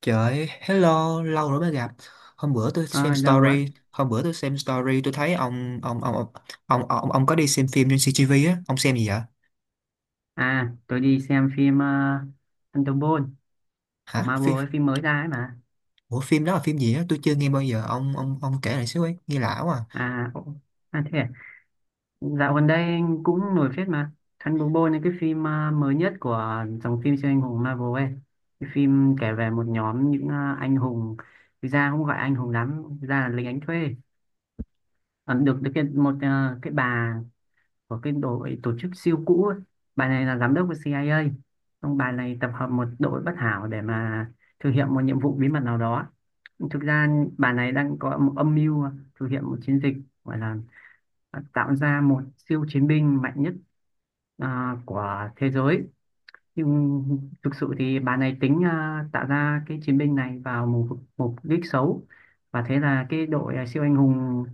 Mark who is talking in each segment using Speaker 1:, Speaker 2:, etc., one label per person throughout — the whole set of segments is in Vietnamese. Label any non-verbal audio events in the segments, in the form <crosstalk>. Speaker 1: Trời ơi, hello, lâu rồi mới gặp. Hôm bữa tôi xem
Speaker 2: Ờ, Lâu quá.
Speaker 1: story, hôm bữa tôi xem story tôi thấy ông có đi xem phim trên CGV á, ông xem gì vậy?
Speaker 2: À, tôi đi xem phim Thunderbolt của
Speaker 1: Hả?
Speaker 2: Marvel,
Speaker 1: Phim.
Speaker 2: ấy, phim mới ra ấy mà.
Speaker 1: Ủa phim đó là phim gì á? Tôi chưa nghe bao giờ. Ông kể lại xíu ấy, nghe lạ quá. À.
Speaker 2: À, ồ, à thế à? Dạo gần đây cũng nổi phết mà. Thunderbolt là cái phim mới nhất của dòng phim siêu anh hùng Marvel ấy. Cái phim kể về một nhóm những anh hùng, thực ra không gọi anh hùng lắm, thực ra là lính đánh thuê. Ờ, được được cái, một cái bà của cái đội tổ chức siêu cũ ấy. Bà này là giám đốc của CIA, xong bà này tập hợp một đội bất hảo để mà thực hiện một nhiệm vụ bí mật nào đó. Thực ra bà này đang có một âm mưu thực hiện một chiến dịch gọi là tạo ra một siêu chiến binh mạnh nhất của thế giới, nhưng thực sự thì bà này tính tạo ra cái chiến binh này vào mục mục đích xấu. Và thế là cái đội siêu anh hùng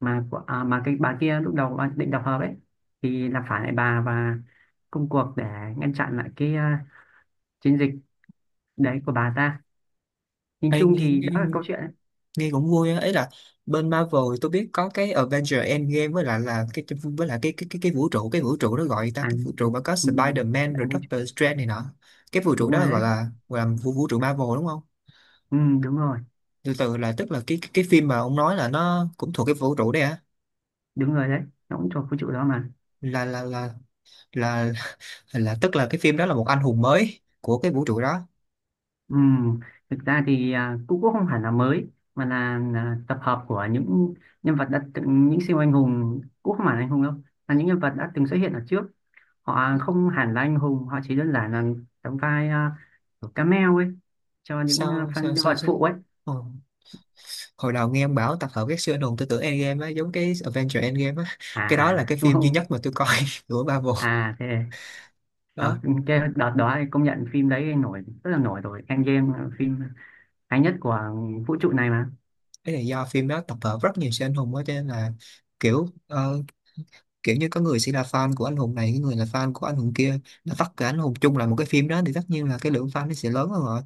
Speaker 2: mà cái bà kia lúc đầu bà định đập hợp ấy thì là phải lại bà, và công cuộc để ngăn chặn lại cái chiến dịch đấy của bà ta. Nhìn
Speaker 1: Ê,
Speaker 2: chung
Speaker 1: nghe,
Speaker 2: thì
Speaker 1: nghe
Speaker 2: đó là câu chuyện đấy.
Speaker 1: nghe cũng vui á, ấy là bên Marvel tôi biết có cái Avengers Endgame với lại là cái với lại cái vũ trụ đó gọi ta
Speaker 2: À,
Speaker 1: cái vũ
Speaker 2: ừ,
Speaker 1: trụ mà có
Speaker 2: ừ,
Speaker 1: Spider-Man rồi
Speaker 2: đảo vũ trụ.
Speaker 1: Doctor Strange này nọ. Cái vũ trụ
Speaker 2: Đúng
Speaker 1: đó
Speaker 2: rồi
Speaker 1: gọi
Speaker 2: đấy.
Speaker 1: là gọi là vũ, vũ trụ Marvel đúng không?
Speaker 2: Ừ, đúng rồi,
Speaker 1: Từ từ là tức là cái phim mà ông nói là nó cũng thuộc cái vũ trụ đấy hả?
Speaker 2: đúng rồi đấy. Nó cũng thuộc vũ trụ đó mà.
Speaker 1: Là là là là là tức là cái phim đó là một anh hùng mới của cái vũ trụ đó.
Speaker 2: Ừ, thực ra thì cũng cũng không hẳn là mới mà là tập hợp của những nhân vật đã từng, những siêu anh hùng cũng không hẳn là anh hùng đâu, là những nhân vật đã từng xuất hiện ở trước. Họ không hẳn là anh hùng, họ chỉ đơn giản là đóng vai kiểu cameo ấy cho những
Speaker 1: Sao
Speaker 2: fan
Speaker 1: sao
Speaker 2: nhân
Speaker 1: sao
Speaker 2: vật
Speaker 1: sao
Speaker 2: phụ ấy.
Speaker 1: Ờ. Hồi đầu nghe ông bảo tập hợp các siêu anh hùng tôi tưởng Endgame á, giống cái Avengers Endgame á, cái đó là cái
Speaker 2: Đúng
Speaker 1: phim duy
Speaker 2: không.
Speaker 1: nhất mà tôi coi <laughs> của Marvel
Speaker 2: À thế à,
Speaker 1: đó.
Speaker 2: cái đợt đó thì công nhận phim đấy nổi, rất là nổi rồi. Endgame là phim hay nhất của vũ trụ này mà.
Speaker 1: Cái là do phim đó tập hợp rất nhiều siêu anh hùng á, cho nên là kiểu kiểu như có người sẽ là fan của anh hùng này, có người là fan của anh hùng kia, là tất cả anh hùng chung là một cái phim đó thì tất nhiên là cái lượng fan nó sẽ lớn hơn rồi.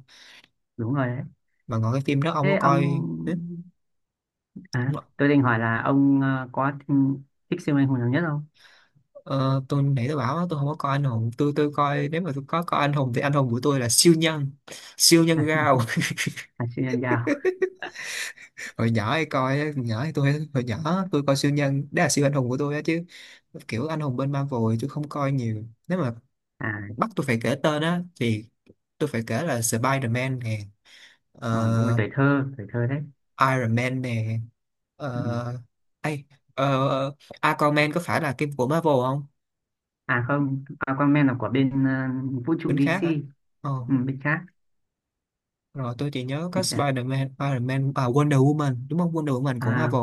Speaker 2: Đúng rồi đấy.
Speaker 1: Mà còn cái phim đó ông có
Speaker 2: Thế ông.
Speaker 1: coi.
Speaker 2: À, tôi định hỏi là ông thích siêu anh hùng nào nhất không?
Speaker 1: Ờ, tôi nãy tôi bảo á, tôi không có coi anh hùng, tôi coi, nếu mà tôi có coi anh hùng thì anh hùng của tôi là siêu nhân, siêu nhân gao.
Speaker 2: À, siêu nhân gạo.
Speaker 1: <laughs> Hồi nhỏ hay coi á, nhỏ thì tôi hồi nhỏ tôi coi siêu nhân đó là siêu anh hùng của tôi á, chứ kiểu anh hùng bên Marvel thì tôi không coi nhiều. Nếu mà
Speaker 2: À,
Speaker 1: bắt tôi phải kể tên á thì tôi phải kể là Spider-Man nè,
Speaker 2: ờ, đúng rồi,
Speaker 1: ờ,
Speaker 2: tuổi thơ đấy.
Speaker 1: Iron Man nè,
Speaker 2: Ừ.
Speaker 1: ờ, ai ờ, Aquaman có phải là phim của Marvel không?
Speaker 2: À không, Aquaman là của bên vũ trụ
Speaker 1: Bên khác
Speaker 2: DC,
Speaker 1: hả? Ờ.
Speaker 2: ừ, bên khác.
Speaker 1: Rồi tôi chỉ nhớ có
Speaker 2: Anh chả-
Speaker 1: Spider-Man, à Wonder Woman, đúng không? Wonder Woman của
Speaker 2: À,
Speaker 1: Marvel.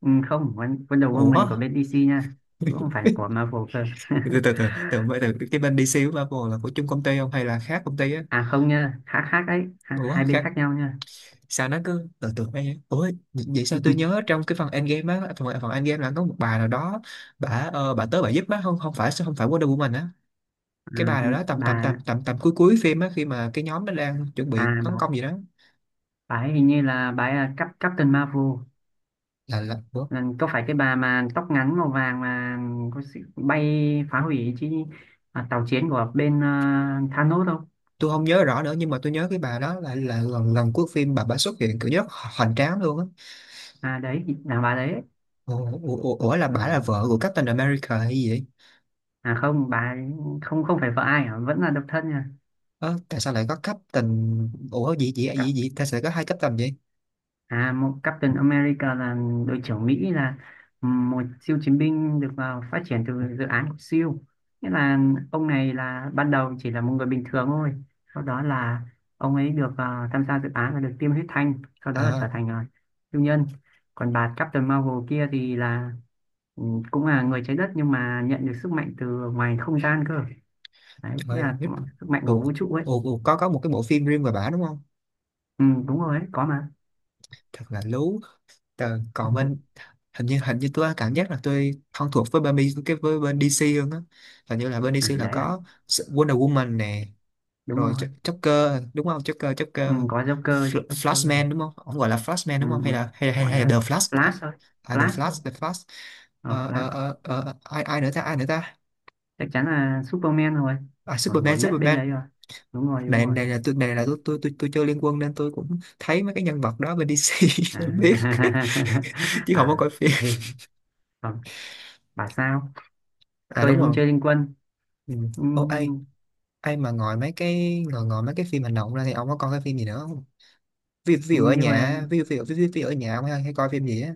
Speaker 2: ừ, không, Wonder Woman
Speaker 1: Ủa?
Speaker 2: của bên DC nha. Cũng không
Speaker 1: <laughs>
Speaker 2: phải của Marvel cơ. <laughs>
Speaker 1: Từ từ, cái bên DC của Marvel là của chung công ty không, hay là khác công ty á?
Speaker 2: À không nha, khác khác đấy,
Speaker 1: Ủa,
Speaker 2: hai bên
Speaker 1: khác.
Speaker 2: khác nhau nha.
Speaker 1: Sao nó cứ từ từ mấy. Ủa, vậy sao tôi nhớ
Speaker 2: <laughs>
Speaker 1: trong cái phần Endgame á, phần Endgame là có một bà nào đó, bà bà tới bà giúp á, không không phải không phải Wonder Woman á. Cái
Speaker 2: À,
Speaker 1: bà nào đó tầm tầm
Speaker 2: bà,
Speaker 1: tầm tầm tầm cuối cuối phim á, khi mà cái nhóm nó đang chuẩn bị
Speaker 2: à,
Speaker 1: tấn
Speaker 2: bà,
Speaker 1: công gì đó.
Speaker 2: bà ấy hình như là bà ấy là Captain Marvel.
Speaker 1: Là ủa?
Speaker 2: Ừ, có phải cái bà mà tóc ngắn màu vàng mà có sự bay phá hủy chi tàu chiến của bên Thanos không?
Speaker 1: Tôi không nhớ rõ nữa nhưng mà tôi nhớ cái bà đó là lần lần cuối phim bà xuất hiện kiểu rất hoành tráng luôn á.
Speaker 2: À đấy, là bà đấy.
Speaker 1: Ủa, ủa, ủa, là
Speaker 2: Ừ.
Speaker 1: bà là vợ của Captain America hay gì vậy?
Speaker 2: À không, bà ấy không không phải vợ ai hả? Vẫn là độc thân nha.
Speaker 1: Ơ, tại sao lại có Captain. Ủa gì gì gì gì tại sao lại có hai Captain vậy?
Speaker 2: À, một Captain America là đội trưởng Mỹ, là một siêu chiến binh được vào phát triển từ dự án của siêu. Nghĩa là ông này là ban đầu chỉ là một người bình thường thôi. Sau đó là ông ấy được tham gia dự án và được tiêm huyết thanh. Sau đó là trở
Speaker 1: À,
Speaker 2: thành siêu nhân. Còn bà Captain Marvel kia thì là ừ, cũng là người trái đất nhưng mà nhận được sức mạnh từ ngoài không gian cơ. Đấy,
Speaker 1: trời
Speaker 2: nghĩa
Speaker 1: ơi
Speaker 2: là
Speaker 1: biết-
Speaker 2: cũng sức mạnh của
Speaker 1: ủa,
Speaker 2: vũ trụ ấy.
Speaker 1: ủa, ủa, có một cái bộ phim riêng về bà đúng không?
Speaker 2: Ừ, đúng rồi ấy, có mà.
Speaker 1: Thật là lú. Tờ, còn
Speaker 2: <laughs>
Speaker 1: bên, hình như tôi cảm giác là tôi thân thuộc với bên B- cái với bên DC hơn á. Hình như là bên
Speaker 2: À,
Speaker 1: DC là
Speaker 2: đấy à,
Speaker 1: có Wonder Woman nè,
Speaker 2: đúng
Speaker 1: rồi
Speaker 2: rồi.
Speaker 1: Ch- Joker đúng không? Joker,
Speaker 2: Ừ,
Speaker 1: Joker,
Speaker 2: có Joker,
Speaker 1: Fl-
Speaker 2: Joker này.
Speaker 1: Flashman đúng không? Ông gọi là Flashman
Speaker 2: Ừ,
Speaker 1: đúng không hay
Speaker 2: ừ,
Speaker 1: là hay hay,
Speaker 2: gọi
Speaker 1: hay là
Speaker 2: là
Speaker 1: The Flash, à,
Speaker 2: Flash thôi.
Speaker 1: à, The
Speaker 2: Flash thôi.
Speaker 1: Flash, The Flash.
Speaker 2: Ờ, Flash.
Speaker 1: Ai ai nữa ta, ai nữa ta,
Speaker 2: Chắc chắn là Superman rồi.
Speaker 1: à,
Speaker 2: Nổi
Speaker 1: Superman,
Speaker 2: nhất bên
Speaker 1: Superman.
Speaker 2: đấy rồi. Đúng rồi, đúng
Speaker 1: Này
Speaker 2: rồi.
Speaker 1: này là tôi chơi Liên Quân nên tôi cũng thấy mấy cái nhân vật đó bên DC <laughs>
Speaker 2: À,
Speaker 1: tôi biết <laughs>
Speaker 2: <laughs>
Speaker 1: chứ không có
Speaker 2: à,
Speaker 1: coi phim.
Speaker 2: hề, còn bà sao.
Speaker 1: À
Speaker 2: Tôi
Speaker 1: đúng
Speaker 2: thì không
Speaker 1: rồi.
Speaker 2: chơi Liên Quân.
Speaker 1: Ừ. Ô ai,
Speaker 2: Ừm,
Speaker 1: ai mà ngồi mấy cái ngồi ngồi mấy cái phim hành động ra thì ông có coi cái phim gì nữa không? Ví dụ ở
Speaker 2: như vậy.
Speaker 1: nhà, ví dụ ở nhà ông hay coi phim gì á?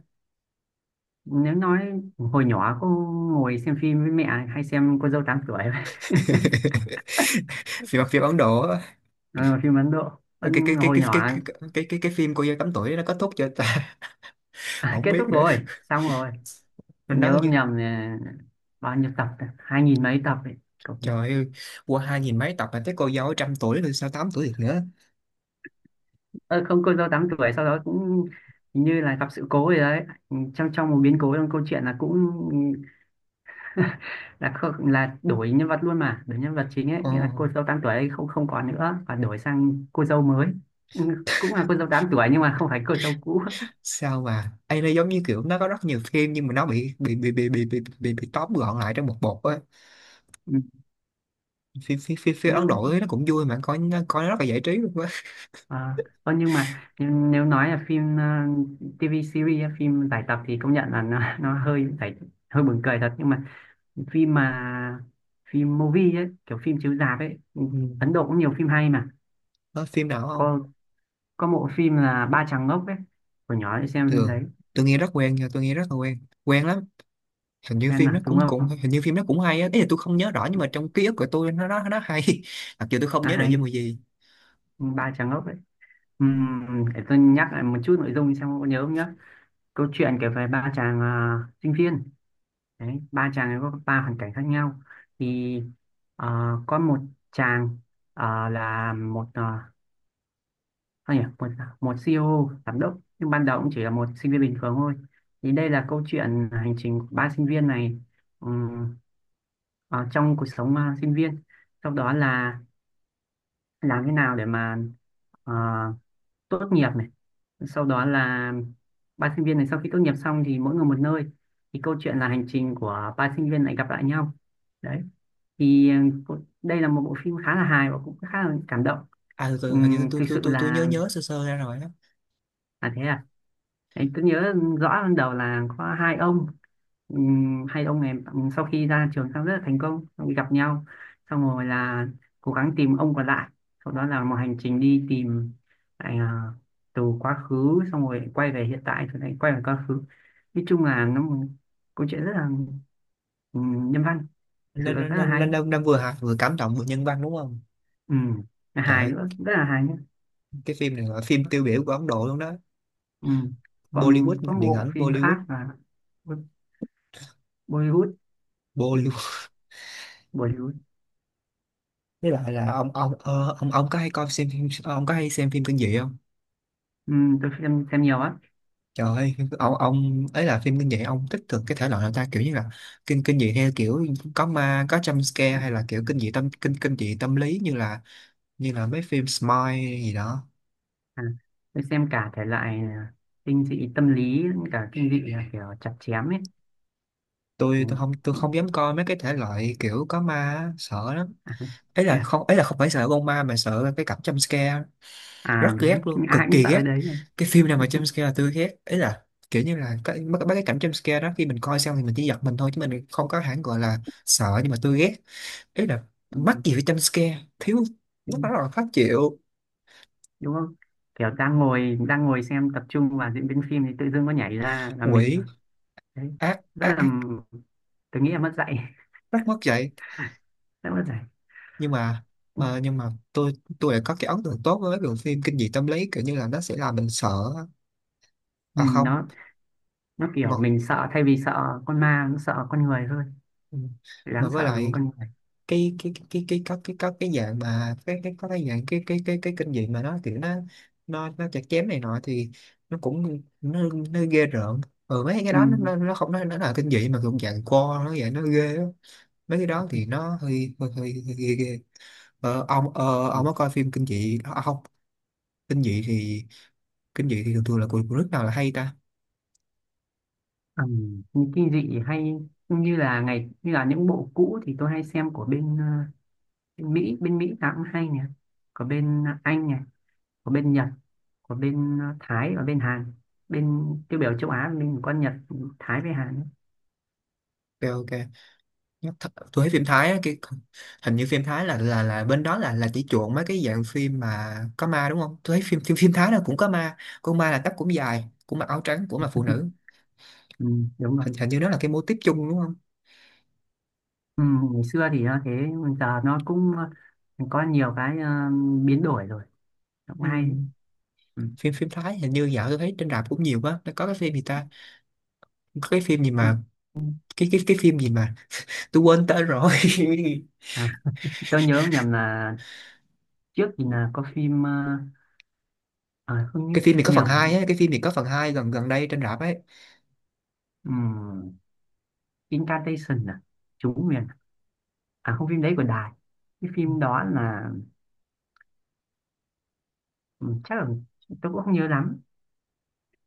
Speaker 2: Nếu nói hồi nhỏ cô ngồi xem phim với mẹ, hay xem cô dâu tám tuổi. <laughs>
Speaker 1: <laughs> Phim phim Ấn Độ á.
Speaker 2: Ờ, phim Ấn Độ.
Speaker 1: Cái cái cái
Speaker 2: Hồi
Speaker 1: cái cái
Speaker 2: nhỏ.
Speaker 1: cái cái phim cô dâu tám tuổi nó kết thúc chưa ta? <laughs>
Speaker 2: <laughs>
Speaker 1: Không
Speaker 2: Kết thúc
Speaker 1: biết nữa.
Speaker 2: rồi, xong rồi.
Speaker 1: Nó có
Speaker 2: Nhớ không
Speaker 1: như,
Speaker 2: nhầm là bao nhiêu tập ta? Hai nghìn mấy tập ấy, cậu nhỉ.
Speaker 1: trời ơi, qua 2.000 mấy tập mà tới cô dâu trăm tuổi rồi sao tám tuổi được nữa?
Speaker 2: Ờ, không, cô dâu tám tuổi sau đó cũng hình như là gặp sự cố gì đấy. Ừ, trong trong một biến cố trong câu chuyện là cũng <laughs> là không, là đổi nhân vật luôn, mà đổi nhân vật chính ấy,
Speaker 1: Ồ.
Speaker 2: nghĩa là cô dâu tám tuổi ấy không không còn nữa, và đổi sang cô dâu mới. Ừ, cũng là cô dâu tám tuổi nhưng mà không phải cô dâu cũ.
Speaker 1: Sao mà ấy, nó giống như kiểu nó có rất nhiều phim nhưng mà nó bị tóm gọn lại trong một bột á.
Speaker 2: Ừ,
Speaker 1: Phim Ấn
Speaker 2: nếu
Speaker 1: Độ ấy, nó cũng vui, mà coi nó rất là giải trí luôn á.
Speaker 2: à, nhưng mà nếu nói là phim TV series á, phim giải tập thì công nhận là nó hơi giải, hơi buồn cười thật, nhưng mà phim movie ấy, kiểu phim chiếu rạp ấy, Ừ,
Speaker 1: Ừ.
Speaker 2: Ấn Độ cũng nhiều phim hay mà.
Speaker 1: Có phim nào không
Speaker 2: Có có bộ phim là Ba Chàng Ngốc ấy, hồi nhỏ đi xem phim
Speaker 1: thường?
Speaker 2: đấy.
Speaker 1: Tôi nghe rất quen nha, tôi nghe rất là quen, quen lắm. Hình như
Speaker 2: Em
Speaker 1: phim nó
Speaker 2: mà đúng
Speaker 1: cũng cũng
Speaker 2: không.
Speaker 1: hình như phim nó cũng hay á, ý là tôi không nhớ rõ nhưng mà trong ký ức của tôi nó hay <laughs> mặc dù tôi không
Speaker 2: À
Speaker 1: nhớ nội
Speaker 2: hay
Speaker 1: dung là gì.
Speaker 2: Ba Chàng Ngốc ấy. Ừm, để tôi nhắc lại một chút nội dung xem có nhớ không nhá. Câu chuyện kể về ba chàng sinh viên. Đấy, ba chàng ấy có ba hoàn cảnh khác nhau. Thì có một chàng là một một một CEO giám đốc, nhưng ban đầu cũng chỉ là một sinh viên bình thường thôi. Thì đây là câu chuyện hành trình của ba sinh viên này, ừm, ở trong cuộc sống sinh viên. Sau đó là làm thế nào để mà ờ, tốt nghiệp này. Sau đó là ba sinh viên này sau khi tốt nghiệp xong thì mỗi người một nơi. Thì câu chuyện là hành trình của ba sinh viên này gặp lại nhau. Đấy. Thì đây là một bộ phim khá là hài và cũng khá là cảm động.
Speaker 1: À tôi- hình như
Speaker 2: Thực sự
Speaker 1: tôi nhớ
Speaker 2: là
Speaker 1: nhớ sơ sơ ra rồi á.
Speaker 2: là thế. Đấy, tôi nhớ rõ ban đầu là có hai ông. Hai ông này sau khi ra trường xong rất là thành công, xong rồi gặp nhau, xong rồi là cố gắng tìm ông còn lại. Sau đó là một hành trình đi tìm lại từ quá khứ, xong rồi quay về hiện tại rồi lại quay về quá khứ. Nói chung là nó một câu chuyện rất là nhân văn. Thực sự
Speaker 1: nên
Speaker 2: là
Speaker 1: nên
Speaker 2: rất là
Speaker 1: nên,
Speaker 2: hay.
Speaker 1: nên, nên nên vừa hài, vừa cảm động, vừa nhân văn đúng không?
Speaker 2: Ừm, là
Speaker 1: Trời
Speaker 2: hài
Speaker 1: ơi,
Speaker 2: nữa, rất là hài nhé.
Speaker 1: cái phim này là phim tiêu biểu của Ấn Độ luôn đó.
Speaker 2: Ừm,
Speaker 1: Bollywood,
Speaker 2: còn có
Speaker 1: ngành
Speaker 2: một
Speaker 1: điện
Speaker 2: bộ
Speaker 1: ảnh
Speaker 2: phim
Speaker 1: Bollywood,
Speaker 2: khác là Bo- Bollywood. Ừm,
Speaker 1: Bollywood.
Speaker 2: Bollywood.
Speaker 1: Với lại là ông ờ, ông có hay coi xem phim, ông có hay xem phim kinh dị không?
Speaker 2: Ừ, tôi xem nhiều á.
Speaker 1: Trời ơi, ông ấy là phim kinh dị ông thích thường cái thể loại nào ta, kiểu như là kinh kinh dị theo kiểu có ma, có jump scare,
Speaker 2: À,
Speaker 1: hay là kiểu kinh dị tâm lý như là mấy phim Smile gì đó.
Speaker 2: à, tôi xem cả thể loại kinh dị tâm lý lẫn cả kinh dị là kiểu chặt chém ấy.
Speaker 1: Tôi
Speaker 2: Đấy.
Speaker 1: tôi không tôi không dám coi mấy cái thể loại kiểu có ma á, sợ lắm.
Speaker 2: À,
Speaker 1: Ấy
Speaker 2: thế
Speaker 1: là
Speaker 2: à.
Speaker 1: không, ấy là không phải sợ con ma mà sợ cái cảnh jump scare,
Speaker 2: À,
Speaker 1: rất ghét
Speaker 2: đúng,
Speaker 1: luôn, cực
Speaker 2: ai cũng
Speaker 1: kỳ
Speaker 2: sợ
Speaker 1: ghét.
Speaker 2: cái đấy nhỉ?
Speaker 1: Cái phim nào
Speaker 2: Ừ,
Speaker 1: mà jump scare là tôi ghét. Ấy là kiểu như là cái mấy mấy cái cảnh jump scare đó, khi mình coi xong thì mình chỉ giật mình thôi chứ mình không có hẳn gọi là sợ, nhưng mà tôi ghét. Ý là
Speaker 2: ừ,
Speaker 1: mắc gì phải jump scare thiếu,
Speaker 2: ừ,
Speaker 1: lúc đó là khó chịu.
Speaker 2: đúng không, kiểu đang ngồi xem tập trung vào diễn biến phim thì tự dưng có nhảy ra là mình,
Speaker 1: Quỷ,
Speaker 2: đấy,
Speaker 1: ác
Speaker 2: rất
Speaker 1: ác
Speaker 2: là,
Speaker 1: ác,
Speaker 2: tôi nghĩ là mất dạy. <laughs>
Speaker 1: rất mất dạy.
Speaker 2: Rất mất dạy.
Speaker 1: Nhưng mà,
Speaker 2: Ừ,
Speaker 1: ờ, nhưng mà tôi lại có cái ấn tượng tốt với mấy bộ phim kinh dị tâm lý, kiểu như là nó sẽ làm mình sợ.
Speaker 2: ừ,
Speaker 1: À không,
Speaker 2: nó kiểu
Speaker 1: mà,
Speaker 2: mình sợ, thay vì sợ con ma nó sợ con người thôi.
Speaker 1: mà
Speaker 2: Đáng sợ
Speaker 1: với
Speaker 2: là một
Speaker 1: lại
Speaker 2: con người.
Speaker 1: cái có cái có cái dạng mà cái có cái dạng cái kinh dị mà nó kiểu nó chặt chém này nọ thì nó cũng nó ghê rợn. Ừ, mấy cái
Speaker 2: Ừ.
Speaker 1: đó nó không nó nó là kinh dị mà cũng dạng co nó vậy, nó ghê á. Mấy cái đó thì nó hơi ghê ghê. Ờ,
Speaker 2: Ừ.
Speaker 1: ông có coi phim kinh dị à, không? Kinh dị thì, kinh dị thì thường thường là của nước nào là hay ta?
Speaker 2: Ừ, những kinh dị hay như là ngày, như là những bộ cũ thì tôi hay xem của bên, bên Mỹ. Bên Mỹ nào cũng hay nè, có bên Anh này, có bên Nhật, có bên Thái và bên Hàn. Bên tiêu biểu châu Á mình có Nhật, Thái với Hàn ấy.
Speaker 1: Ok ok. Nhắc th- tôi thấy phim Thái á, cái hình như phim Thái là là bên đó là chỉ chuộng mấy cái dạng phim mà có ma đúng không? Tôi thấy phim phim phim Thái nào cũng có ma, con ma là tóc cũng dài, cũng mặc áo trắng, cũng là phụ nữ.
Speaker 2: Ừ, đúng rồi.
Speaker 1: Hình hình như nó là cái mô típ chung đúng không?
Speaker 2: Ừ, ngày xưa thì nó thế nhưng giờ nó cũng có nhiều cái biến đổi rồi. Nó cũng
Speaker 1: Ừ.
Speaker 2: hay. Ừ.
Speaker 1: phim phim Thái hình như dạo tôi thấy trên rạp cũng nhiều quá. Nó có cái phim gì ta? Có cái phim gì mà, cái phim gì mà tôi quên tên rồi. <laughs>
Speaker 2: À, tôi nhớ nhầm là trước thì là có phim không nhớ-
Speaker 1: Cái phim này có phần hai
Speaker 2: nhầm.
Speaker 1: ấy, cái phim này có phần hai gần gần đây trên rạp ấy.
Speaker 2: Ừ. Incantation à, chú nguyền. À không, phim đấy của Đài. Cái phim đó là ừ, chắc là tôi cũng không nhớ lắm,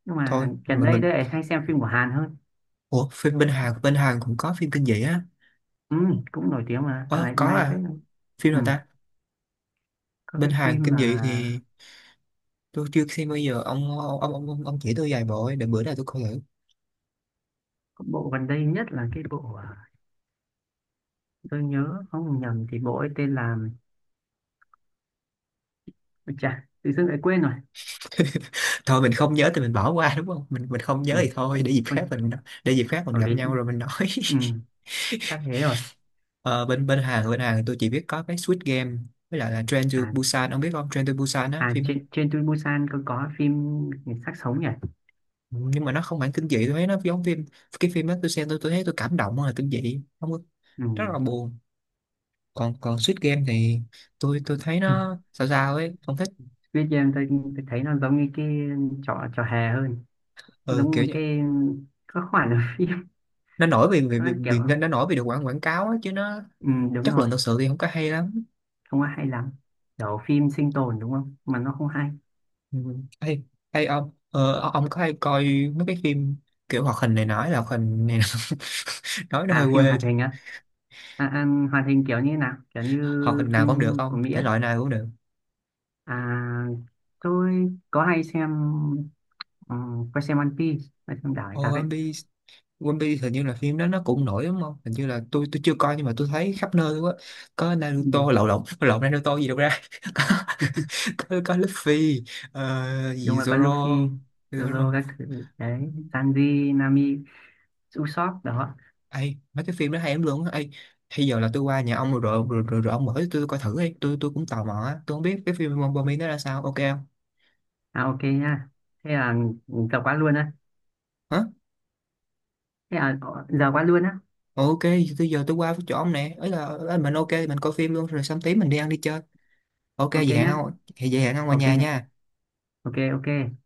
Speaker 2: nhưng
Speaker 1: Thôi
Speaker 2: mà gần
Speaker 1: mà
Speaker 2: đây
Speaker 1: mình,
Speaker 2: tôi lại hay xem phim của Hàn hơn.
Speaker 1: ủa phim bên Hàn, bên Hàn cũng có phim kinh dị á?
Speaker 2: Ừ, cũng nổi tiếng mà dạo
Speaker 1: Ờ
Speaker 2: này
Speaker 1: có
Speaker 2: cũng hay phết.
Speaker 1: à? Phim
Speaker 2: Ừ,
Speaker 1: nào ta?
Speaker 2: có
Speaker 1: Bên
Speaker 2: cái
Speaker 1: Hàn
Speaker 2: phim
Speaker 1: kinh
Speaker 2: mà
Speaker 1: dị thì tôi chưa xem bao giờ, ông chỉ tôi vài bộ ấy, để bữa nào tôi coi thử.
Speaker 2: có bộ gần đây nhất là cái bộ tôi nhớ không nhầm thì bộ ấy tên là, ôi chà tự dưng lại quên rồi.
Speaker 1: <laughs> Thôi mình không nhớ thì mình bỏ qua đúng không, mình mình không
Speaker 2: Ừ,
Speaker 1: nhớ thì
Speaker 2: chà,
Speaker 1: thôi, để dịp
Speaker 2: ôi,
Speaker 1: khác mình, để dịp khác mình
Speaker 2: bởi
Speaker 1: gặp
Speaker 2: vì
Speaker 1: nhau rồi mình nói. <laughs>
Speaker 2: ừ, chắc thế rồi.
Speaker 1: Ờ, bên bên Hàn tôi chỉ biết có cái Squid Game với lại là Train to
Speaker 2: À,
Speaker 1: Busan. Ông biết không? Train to Busan á,
Speaker 2: à,
Speaker 1: phim,
Speaker 2: trên trên Busan có phim người xác sống nhỉ.
Speaker 1: ừ, nhưng mà nó không hẳn kinh dị, tôi thấy nó giống phim, cái phim đó tôi xem tôi thấy tôi cảm động hơn là kinh dị, không có, rất là buồn. Còn còn Squid Game thì tôi thấy
Speaker 2: Ừ.
Speaker 1: nó sao sao ấy, không thích.
Speaker 2: Viết cho em Tôi thấy nó giống như cái trò trò hề hơn, giống
Speaker 1: Ừ, kiểu
Speaker 2: một
Speaker 1: như
Speaker 2: cái các khoản ở phim. <laughs>
Speaker 1: nó nổi vì vì
Speaker 2: Nó kiểu
Speaker 1: vì, vì nó nổi vì được quảng quảng cáo ấy, chứ nó
Speaker 2: ừ, đúng
Speaker 1: chất
Speaker 2: rồi,
Speaker 1: lượng thực sự thì không có hay lắm.
Speaker 2: không có hay lắm, kiểu phim sinh tồn đúng không mà nó không hay.
Speaker 1: Ừ. Hay, hay ông có hay coi mấy cái phim kiểu hoạt hình, này nói là hoạt hình này <laughs> nói nó hơi
Speaker 2: À phim
Speaker 1: quê
Speaker 2: hoạt
Speaker 1: chứ.
Speaker 2: hình á. À, à, hoạt hình kiểu như thế nào, kiểu như
Speaker 1: Hoạt hình nào cũng được
Speaker 2: phim của
Speaker 1: ông,
Speaker 2: Mỹ
Speaker 1: thể
Speaker 2: á.
Speaker 1: loại nào cũng được.
Speaker 2: À tôi có hay xem. Ừ, có xem One Piece, hay xem đảo này cặp ấy.
Speaker 1: Zombie. One Piece hình như là phim đó nó cũng nổi đúng không? Hình như là tôi chưa coi nhưng mà tôi thấy khắp nơi quá. Có
Speaker 2: Ừ,
Speaker 1: Naruto, lộn lộn lộn Naruto gì đâu ra. <laughs> Có có Luffy, ờ, gì
Speaker 2: đúng rồi, có
Speaker 1: Zoro.
Speaker 2: Luffy, Zoro
Speaker 1: Zoro.
Speaker 2: các thứ đấy, Sanji, Nami, Usopp đó.
Speaker 1: Ê, mấy cái phim đó hay lắm luôn á. Ê, bây giờ là tôi qua nhà ông rồi ông mở cho tôi coi thử đi. Tôi cũng tò mò á. Tôi không biết cái phim Bombay nó ra sao. Ok không?
Speaker 2: À ok nha. Thế là giờ quá luôn á.
Speaker 1: Hả?
Speaker 2: Thế à, giờ quá luôn á.
Speaker 1: Ok, bây giờ tôi qua chỗ ông nè. Ấy là ấy, mình ok mình coi phim luôn rồi xong tí mình đi ăn đi chơi. Ok
Speaker 2: Ok
Speaker 1: vậy hẹn
Speaker 2: nhá.
Speaker 1: ông. Vậy hẹn ông qua
Speaker 2: Ok,
Speaker 1: nhà nha.
Speaker 2: ok, ok.